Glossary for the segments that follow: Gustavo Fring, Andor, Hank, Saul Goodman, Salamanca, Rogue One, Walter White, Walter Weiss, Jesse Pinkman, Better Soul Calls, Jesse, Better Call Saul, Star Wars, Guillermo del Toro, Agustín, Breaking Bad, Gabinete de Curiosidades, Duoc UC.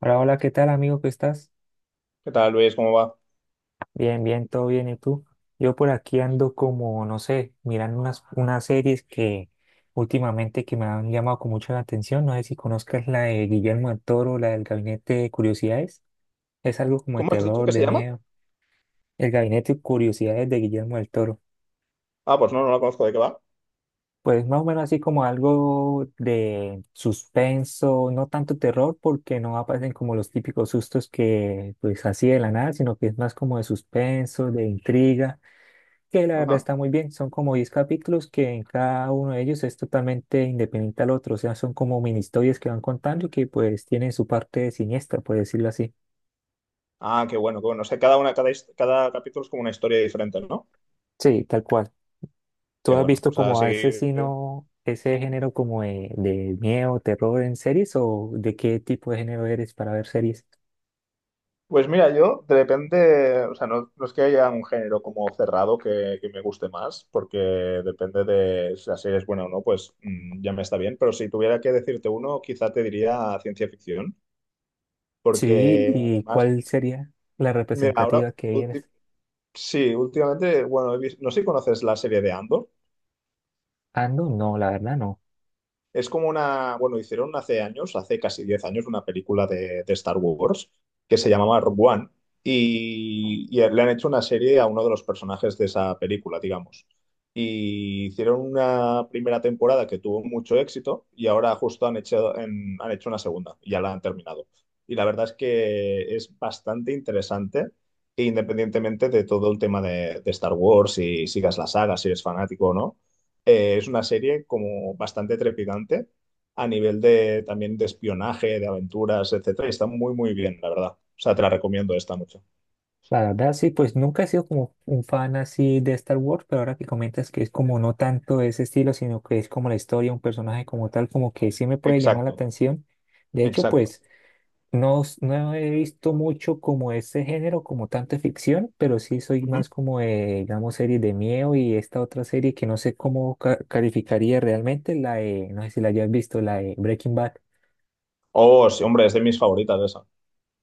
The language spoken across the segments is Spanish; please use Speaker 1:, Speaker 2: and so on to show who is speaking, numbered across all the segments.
Speaker 1: Hola, hola, ¿qué tal amigo? ¿Qué estás?
Speaker 2: ¿Qué tal, Luis? ¿Cómo va?
Speaker 1: Bien, bien, todo bien. ¿Y tú? Yo por aquí ando como, no sé, mirando unas series que últimamente que me han llamado con mucho la atención. No sé si conozcas la de Guillermo del Toro, la del Gabinete de Curiosidades. Es algo como de
Speaker 2: ¿Cómo has dicho
Speaker 1: terror,
Speaker 2: que se
Speaker 1: de
Speaker 2: llama?
Speaker 1: miedo. El Gabinete de Curiosidades de Guillermo del Toro.
Speaker 2: Ah, pues no, no la conozco. ¿De qué va?
Speaker 1: Pues más o menos así como algo de suspenso, no tanto terror porque no aparecen como los típicos sustos que pues así de la nada, sino que es más como de suspenso, de intriga, que la verdad
Speaker 2: Ajá.
Speaker 1: está muy bien. Son como 10 capítulos que en cada uno de ellos es totalmente independiente al otro. O sea, son como mini historias que van contando y que pues tienen su parte siniestra, por decirlo así.
Speaker 2: Ah, qué bueno, qué bueno. O sea, cada una, cada capítulo es como una historia diferente, ¿no?
Speaker 1: Sí, tal cual.
Speaker 2: Qué
Speaker 1: ¿Tú has
Speaker 2: bueno.
Speaker 1: visto
Speaker 2: O sea,
Speaker 1: como
Speaker 2: sí.
Speaker 1: a ese sino, ese género como de miedo, terror en series o de qué tipo de género eres para ver series?
Speaker 2: Pues mira, yo de repente, o sea, no, no es que haya un género como cerrado que me guste más, porque depende de si la serie es buena o no, pues ya me está bien. Pero si tuviera que decirte uno, quizá te diría ciencia ficción,
Speaker 1: Sí,
Speaker 2: porque
Speaker 1: ¿y
Speaker 2: además,
Speaker 1: cuál sería la
Speaker 2: mira, ahora,
Speaker 1: representativa que
Speaker 2: ulti-
Speaker 1: eres?
Speaker 2: sí, últimamente, bueno, no sé si conoces la serie de Andor.
Speaker 1: Ando, no, la verdad no.
Speaker 2: Es como una, bueno, hicieron hace años, hace casi 10 años, una película de Star Wars que se llamaba Rogue One y, le han hecho una serie a uno de los personajes de esa película, digamos. Y hicieron una primera temporada que tuvo mucho éxito y ahora justo han hecho, han hecho una segunda y ya la han terminado. Y la verdad es que es bastante interesante, independientemente de todo el tema de Star Wars, si sigas la saga, si eres fanático o no, es una serie como bastante trepidante a nivel de también de espionaje, de aventuras, etcétera. Y está muy, muy bien, la verdad. O sea, te la recomiendo esta mucho.
Speaker 1: La verdad, sí, pues nunca he sido como un fan así de Star Wars, pero ahora que comentas que es como no tanto ese estilo, sino que es como la historia, un personaje como tal, como que sí me puede llamar la
Speaker 2: Exacto,
Speaker 1: atención. De hecho,
Speaker 2: exacto.
Speaker 1: pues no, no he visto mucho como ese género, como tanto de ficción, pero sí soy
Speaker 2: Ujú.
Speaker 1: más como de, digamos, series de miedo y esta otra serie que no sé cómo calificaría realmente, la de, no sé si la hayas visto, la de Breaking Bad,
Speaker 2: Oh, sí, hombre, es de mis favoritas esa.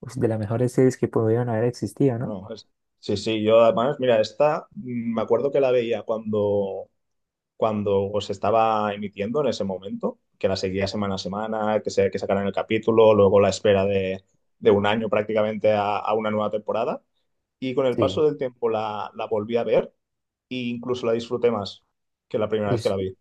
Speaker 1: pues, de las mejores series que pudieron haber existido, ¿no?
Speaker 2: Bueno, sí, sí, yo además, mira, esta me acuerdo que la veía cuando, cuando se estaba emitiendo en ese momento, que la seguía semana a semana, que sacaran el capítulo, luego la espera de 1 año prácticamente a una nueva temporada. Y con el paso
Speaker 1: Sí.
Speaker 2: del tiempo la volví a ver e incluso la disfruté más que la primera
Speaker 1: Uy,
Speaker 2: vez que la vi.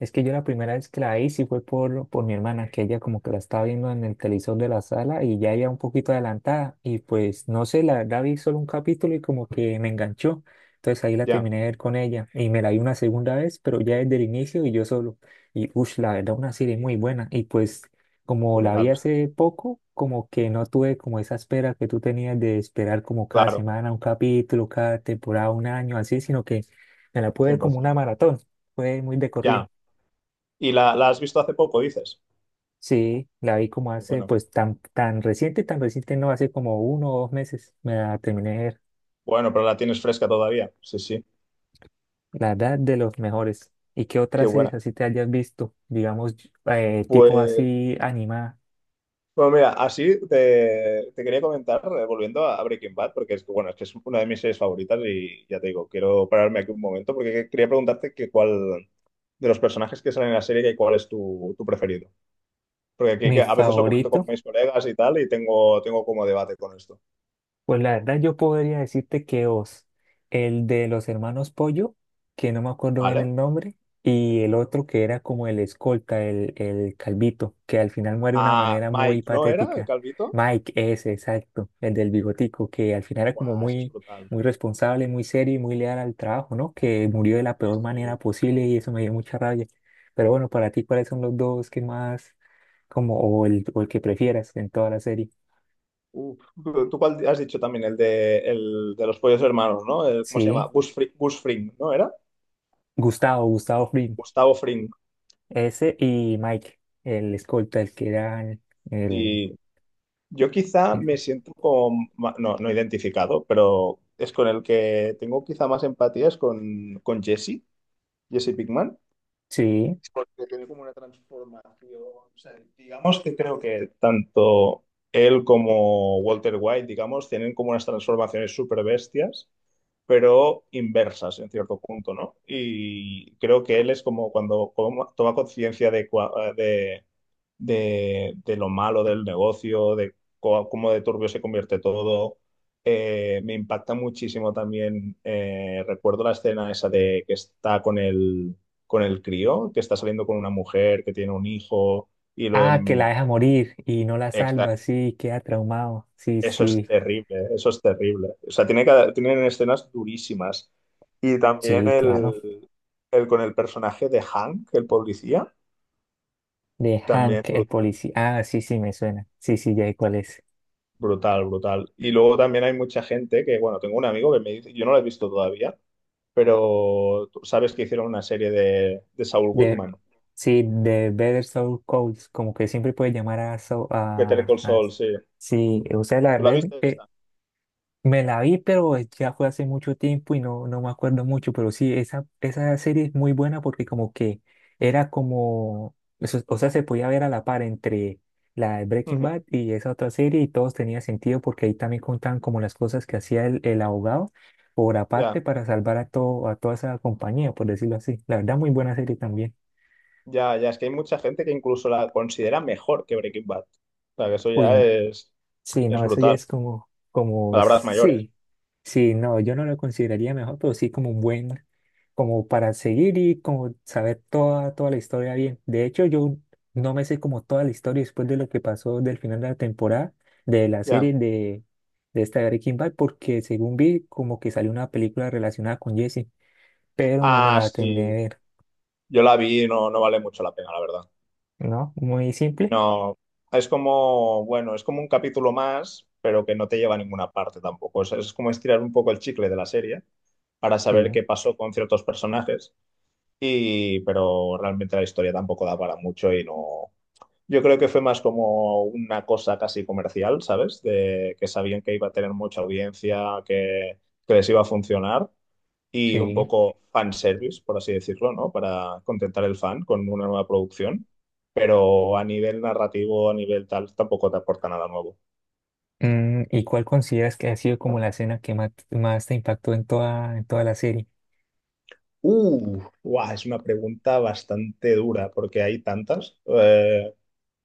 Speaker 1: es que yo la primera vez que la vi sí fue por mi hermana, que ella como que la estaba viendo en el televisor de la sala y ya iba un poquito adelantada y pues no sé, la verdad vi solo un capítulo y como que me enganchó. Entonces ahí la
Speaker 2: Ya,
Speaker 1: terminé de ver con ella y me la vi una segunda vez, pero ya desde el inicio y yo solo. Y uff, la verdad una serie muy buena. Y pues como la vi
Speaker 2: brutal.
Speaker 1: hace poco, como que no tuve como esa espera que tú tenías de esperar como cada
Speaker 2: Claro,
Speaker 1: semana un capítulo, cada temporada, un año, así, sino que me la pude ver como una
Speaker 2: 100%.
Speaker 1: maratón. Fue muy de corrido.
Speaker 2: Ya. ¿Y la has visto hace poco, dices?
Speaker 1: Sí, la vi como hace,
Speaker 2: Bueno,
Speaker 1: pues tan, tan reciente no, hace como 1 o 2 meses me la terminé de ver.
Speaker 2: bueno, pero la tienes fresca todavía. Sí, sí,
Speaker 1: La verdad de los mejores. ¿Y qué
Speaker 2: qué
Speaker 1: otras
Speaker 2: buena.
Speaker 1: series así te hayas visto? Digamos, tipo
Speaker 2: Pues,
Speaker 1: así animada.
Speaker 2: bueno, mira, así te quería comentar, volviendo a Breaking Bad, porque es que, bueno, es que es una de mis series favoritas y ya te digo, quiero pararme aquí un momento porque quería preguntarte que cuál de los personajes que salen en la serie, que cuál es tu preferido. Porque aquí
Speaker 1: Mi
Speaker 2: que a veces lo comento con
Speaker 1: favorito.
Speaker 2: mis colegas y tal, y tengo, tengo como debate con esto.
Speaker 1: Pues la verdad yo podría decirte que Oz, el de los hermanos Pollo, que no me acuerdo bien
Speaker 2: ¿Vale?
Speaker 1: el nombre, y el otro que era como el escolta, el calvito, que al final muere de una
Speaker 2: Ah,
Speaker 1: manera muy
Speaker 2: Mike, ¿no era el
Speaker 1: patética.
Speaker 2: calvito?
Speaker 1: Mike, ese, exacto, el del bigotico, que al final era como
Speaker 2: Buah, ese es
Speaker 1: muy,
Speaker 2: brutal.
Speaker 1: muy responsable, muy serio y muy leal al trabajo, ¿no? Que murió de la
Speaker 2: Sí,
Speaker 1: peor manera
Speaker 2: sí.
Speaker 1: posible y eso me dio mucha rabia. Pero bueno, para ti, ¿cuáles son los dos que más, como, o el que prefieras en toda la serie?
Speaker 2: Uf. ¿Tú cuál has dicho también? El de los pollos hermanos, ¿no? ¿Cómo se llama?
Speaker 1: Sí,
Speaker 2: Gus Fring, ¿no era?
Speaker 1: Gustavo, Gustavo Fring.
Speaker 2: Gustavo Fring.
Speaker 1: Ese y Mike, el escolta, el que era el
Speaker 2: Y yo quizá
Speaker 1: el-
Speaker 2: me siento como, no, no identificado, pero es con el que tengo quizá más empatía, es con Jesse, Jesse Pinkman,
Speaker 1: Sí.
Speaker 2: porque tiene como una transformación. O sea, digamos que creo que tanto él como Walter White, digamos, tienen como unas transformaciones súper bestias pero inversas en cierto punto, ¿no? Y creo que él es como cuando como toma conciencia de, de lo malo del negocio, de cómo de turbio se convierte todo. Me impacta muchísimo también, recuerdo la escena esa de que está con el crío, que está saliendo con una mujer que tiene un hijo y
Speaker 1: Ah, que la deja morir y no la salva, sí, queda traumado. Sí,
Speaker 2: eso es
Speaker 1: sí,
Speaker 2: terrible, eso es terrible. O sea, tienen escenas durísimas. Y también
Speaker 1: sí, claro.
Speaker 2: el con el personaje de Hank, el policía,
Speaker 1: De
Speaker 2: también
Speaker 1: Hank, el
Speaker 2: brutal,
Speaker 1: policía. Ah, sí, sí, me suena. Sí, sí, ya sé cuál es.
Speaker 2: brutal, brutal. Y luego también hay mucha gente que, bueno, tengo un amigo que me dice, yo no lo he visto todavía, pero tú sabes que hicieron una serie de Saul
Speaker 1: De,
Speaker 2: Goodman.
Speaker 1: sí, de Better Soul Calls, como que siempre puede llamar a... Saul-
Speaker 2: Better Call
Speaker 1: a-
Speaker 2: Saul, sí.
Speaker 1: sí, o sea, la
Speaker 2: ¿Tú la
Speaker 1: verdad,
Speaker 2: viste esta?
Speaker 1: me la vi, pero ya fue hace mucho tiempo y no, no me acuerdo mucho, pero sí, esa serie es muy buena porque como que era como, o sea, se podía ver a la par entre la de Breaking
Speaker 2: Ujú.
Speaker 1: Bad y esa otra serie y todos tenía sentido porque ahí también contaban como las cosas que hacía el abogado por
Speaker 2: Ya,
Speaker 1: aparte para salvar a, todo, a toda esa compañía, por decirlo así. La verdad, muy buena serie también.
Speaker 2: ya, ya. Es que hay mucha gente que incluso la considera mejor que Breaking Bad. O sea, que eso ya
Speaker 1: Uy, sí,
Speaker 2: es
Speaker 1: no, eso ya
Speaker 2: brutal.
Speaker 1: es como, como,
Speaker 2: Palabras mayores.
Speaker 1: sí, sí, no, yo no lo consideraría mejor, pero sí como un buen, como para seguir y como saber toda, toda la historia bien. De hecho, yo no me sé como toda la historia después de lo que pasó del final de la temporada, de la
Speaker 2: Ya.
Speaker 1: serie de esta de Breaking Bad, porque según vi, como que salió una película relacionada con Jesse, pero no me
Speaker 2: Ah,
Speaker 1: la terminé de
Speaker 2: sí.
Speaker 1: ver,
Speaker 2: Yo la vi y no, no vale mucho la pena, la verdad.
Speaker 1: ¿no? Muy simple.
Speaker 2: No. Es como, bueno, es como un capítulo más, pero que no te lleva a ninguna parte tampoco. Es como estirar un poco el chicle de la serie para saber
Speaker 1: Sí,
Speaker 2: qué pasó con ciertos personajes. Y, pero realmente la historia tampoco da para mucho y no. Yo creo que fue más como una cosa casi comercial, ¿sabes? De que sabían que iba a tener mucha audiencia, que les iba a funcionar y un
Speaker 1: sí.
Speaker 2: poco fanservice, por así decirlo, ¿no? Para contentar el fan con una nueva producción, pero a nivel narrativo, a nivel tal, tampoco te aporta nada nuevo.
Speaker 1: ¿Y cuál consideras que ha sido como la escena que más, más te impactó en toda la serie?
Speaker 2: Guau, es una pregunta bastante dura porque hay tantas.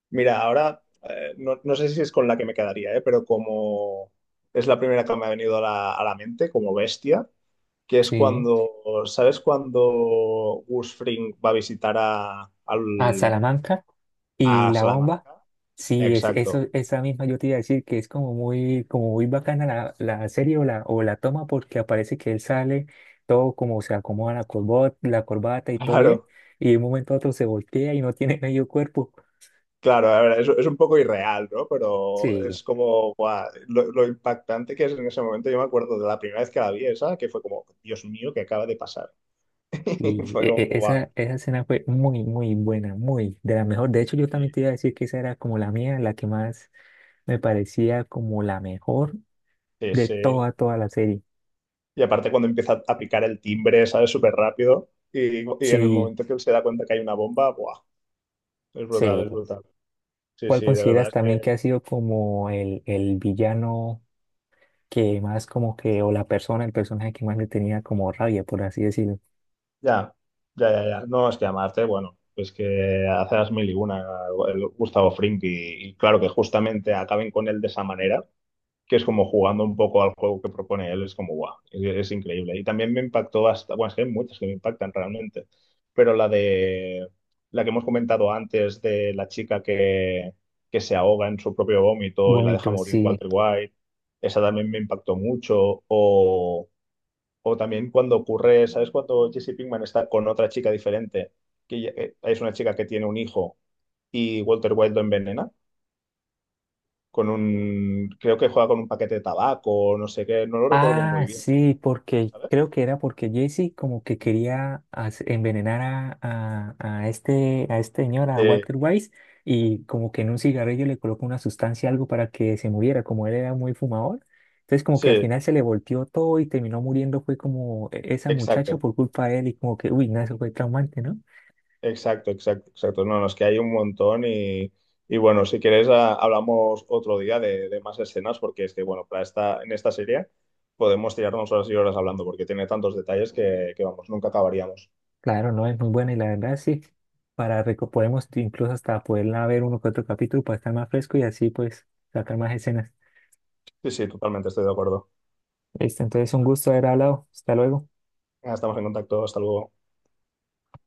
Speaker 2: Mira, ahora, no, no sé si es con la que me quedaría, pero como es la primera que me ha venido a a la mente, como bestia, que es
Speaker 1: Sí.
Speaker 2: cuando, ¿sabes cuando Gus Fring va a visitar
Speaker 1: A Salamanca y
Speaker 2: a
Speaker 1: La Bomba.
Speaker 2: Salamanca?
Speaker 1: Sí, es,
Speaker 2: Exacto.
Speaker 1: eso, esa misma yo te iba a decir que es como muy bacana la, la serie o la toma porque aparece que él sale todo como se acomoda la corbata y todo bien
Speaker 2: Claro,
Speaker 1: y de un momento a otro se voltea y no tiene medio cuerpo.
Speaker 2: claro, a ver, es un poco irreal, ¿no? Pero
Speaker 1: Sí,
Speaker 2: es como, guau, lo impactante que es en ese momento. Yo me acuerdo de la primera vez que la vi esa, que fue como, Dios mío, ¿qué acaba de pasar?
Speaker 1: y
Speaker 2: Fue como, guau.
Speaker 1: esa, esa escena fue muy, muy buena, muy de la mejor. De hecho, yo también
Speaker 2: Y-
Speaker 1: te iba a decir que esa era como la mía, la que más me parecía como la mejor
Speaker 2: Sí,
Speaker 1: de
Speaker 2: sí.
Speaker 1: toda, toda la serie.
Speaker 2: Y aparte cuando empieza a picar el timbre, ¿sabes? Súper rápido. Y en el
Speaker 1: Sí,
Speaker 2: momento que él se da cuenta que hay una bomba, guau, es
Speaker 1: sí.
Speaker 2: brutal, es brutal. Sí,
Speaker 1: ¿Cuál
Speaker 2: sí, de
Speaker 1: consideras
Speaker 2: verdad.
Speaker 1: también que ha sido como el villano que más como que, o la persona, el personaje que más le tenía como rabia, por así decirlo?
Speaker 2: Ya, ya, ya, ya. No, es que amarte, bueno, pues que hace las mil y una el Gustavo Fring y claro que justamente acaben con él de esa manera, que es como jugando un poco al juego que propone él, es como guau, es increíble. Y también me impactó hasta, bueno, es que hay muchas que me impactan realmente, pero la de la que hemos comentado antes de la chica que se ahoga en su propio vómito y la deja
Speaker 1: Vómitos,
Speaker 2: morir
Speaker 1: sí.
Speaker 2: Walter White, esa también me impactó mucho. O, o también cuando ocurre, ¿sabes? Cuando Jesse Pinkman está con otra chica diferente, es una chica que tiene un hijo y Walter White lo envenena, con un, creo que juega con un paquete de tabaco, no sé qué, no lo recuerdo
Speaker 1: Ah,
Speaker 2: muy bien,
Speaker 1: sí, porque
Speaker 2: ¿sabes?
Speaker 1: creo que era porque Jesse como que quería envenenar a este señor, a
Speaker 2: Sí,
Speaker 1: Walter Weiss, y como que en un cigarrillo le colocó una sustancia, algo para que se muriera, como él era muy fumador. Entonces como que al
Speaker 2: sí,
Speaker 1: final se le volteó todo y terminó muriendo, fue como esa muchacha
Speaker 2: exacto,
Speaker 1: por culpa de él y como que, uy, no, eso fue traumante, ¿no?
Speaker 2: exacto, exacto, exacto. No, no, es que hay un montón y bueno, si quieres hablamos otro día de más escenas porque es que, bueno, para esta, en esta serie podemos tirarnos horas y horas hablando porque tiene tantos detalles que vamos, nunca acabaríamos.
Speaker 1: Claro, no, es muy buena y la verdad sí, para podemos incluso hasta poderla ver uno que otro capítulo para estar más fresco y así pues sacar más escenas.
Speaker 2: Sí, sí, totalmente estoy de acuerdo.
Speaker 1: Listo, entonces un gusto haber hablado. Hasta luego.
Speaker 2: Estamos en contacto, hasta luego.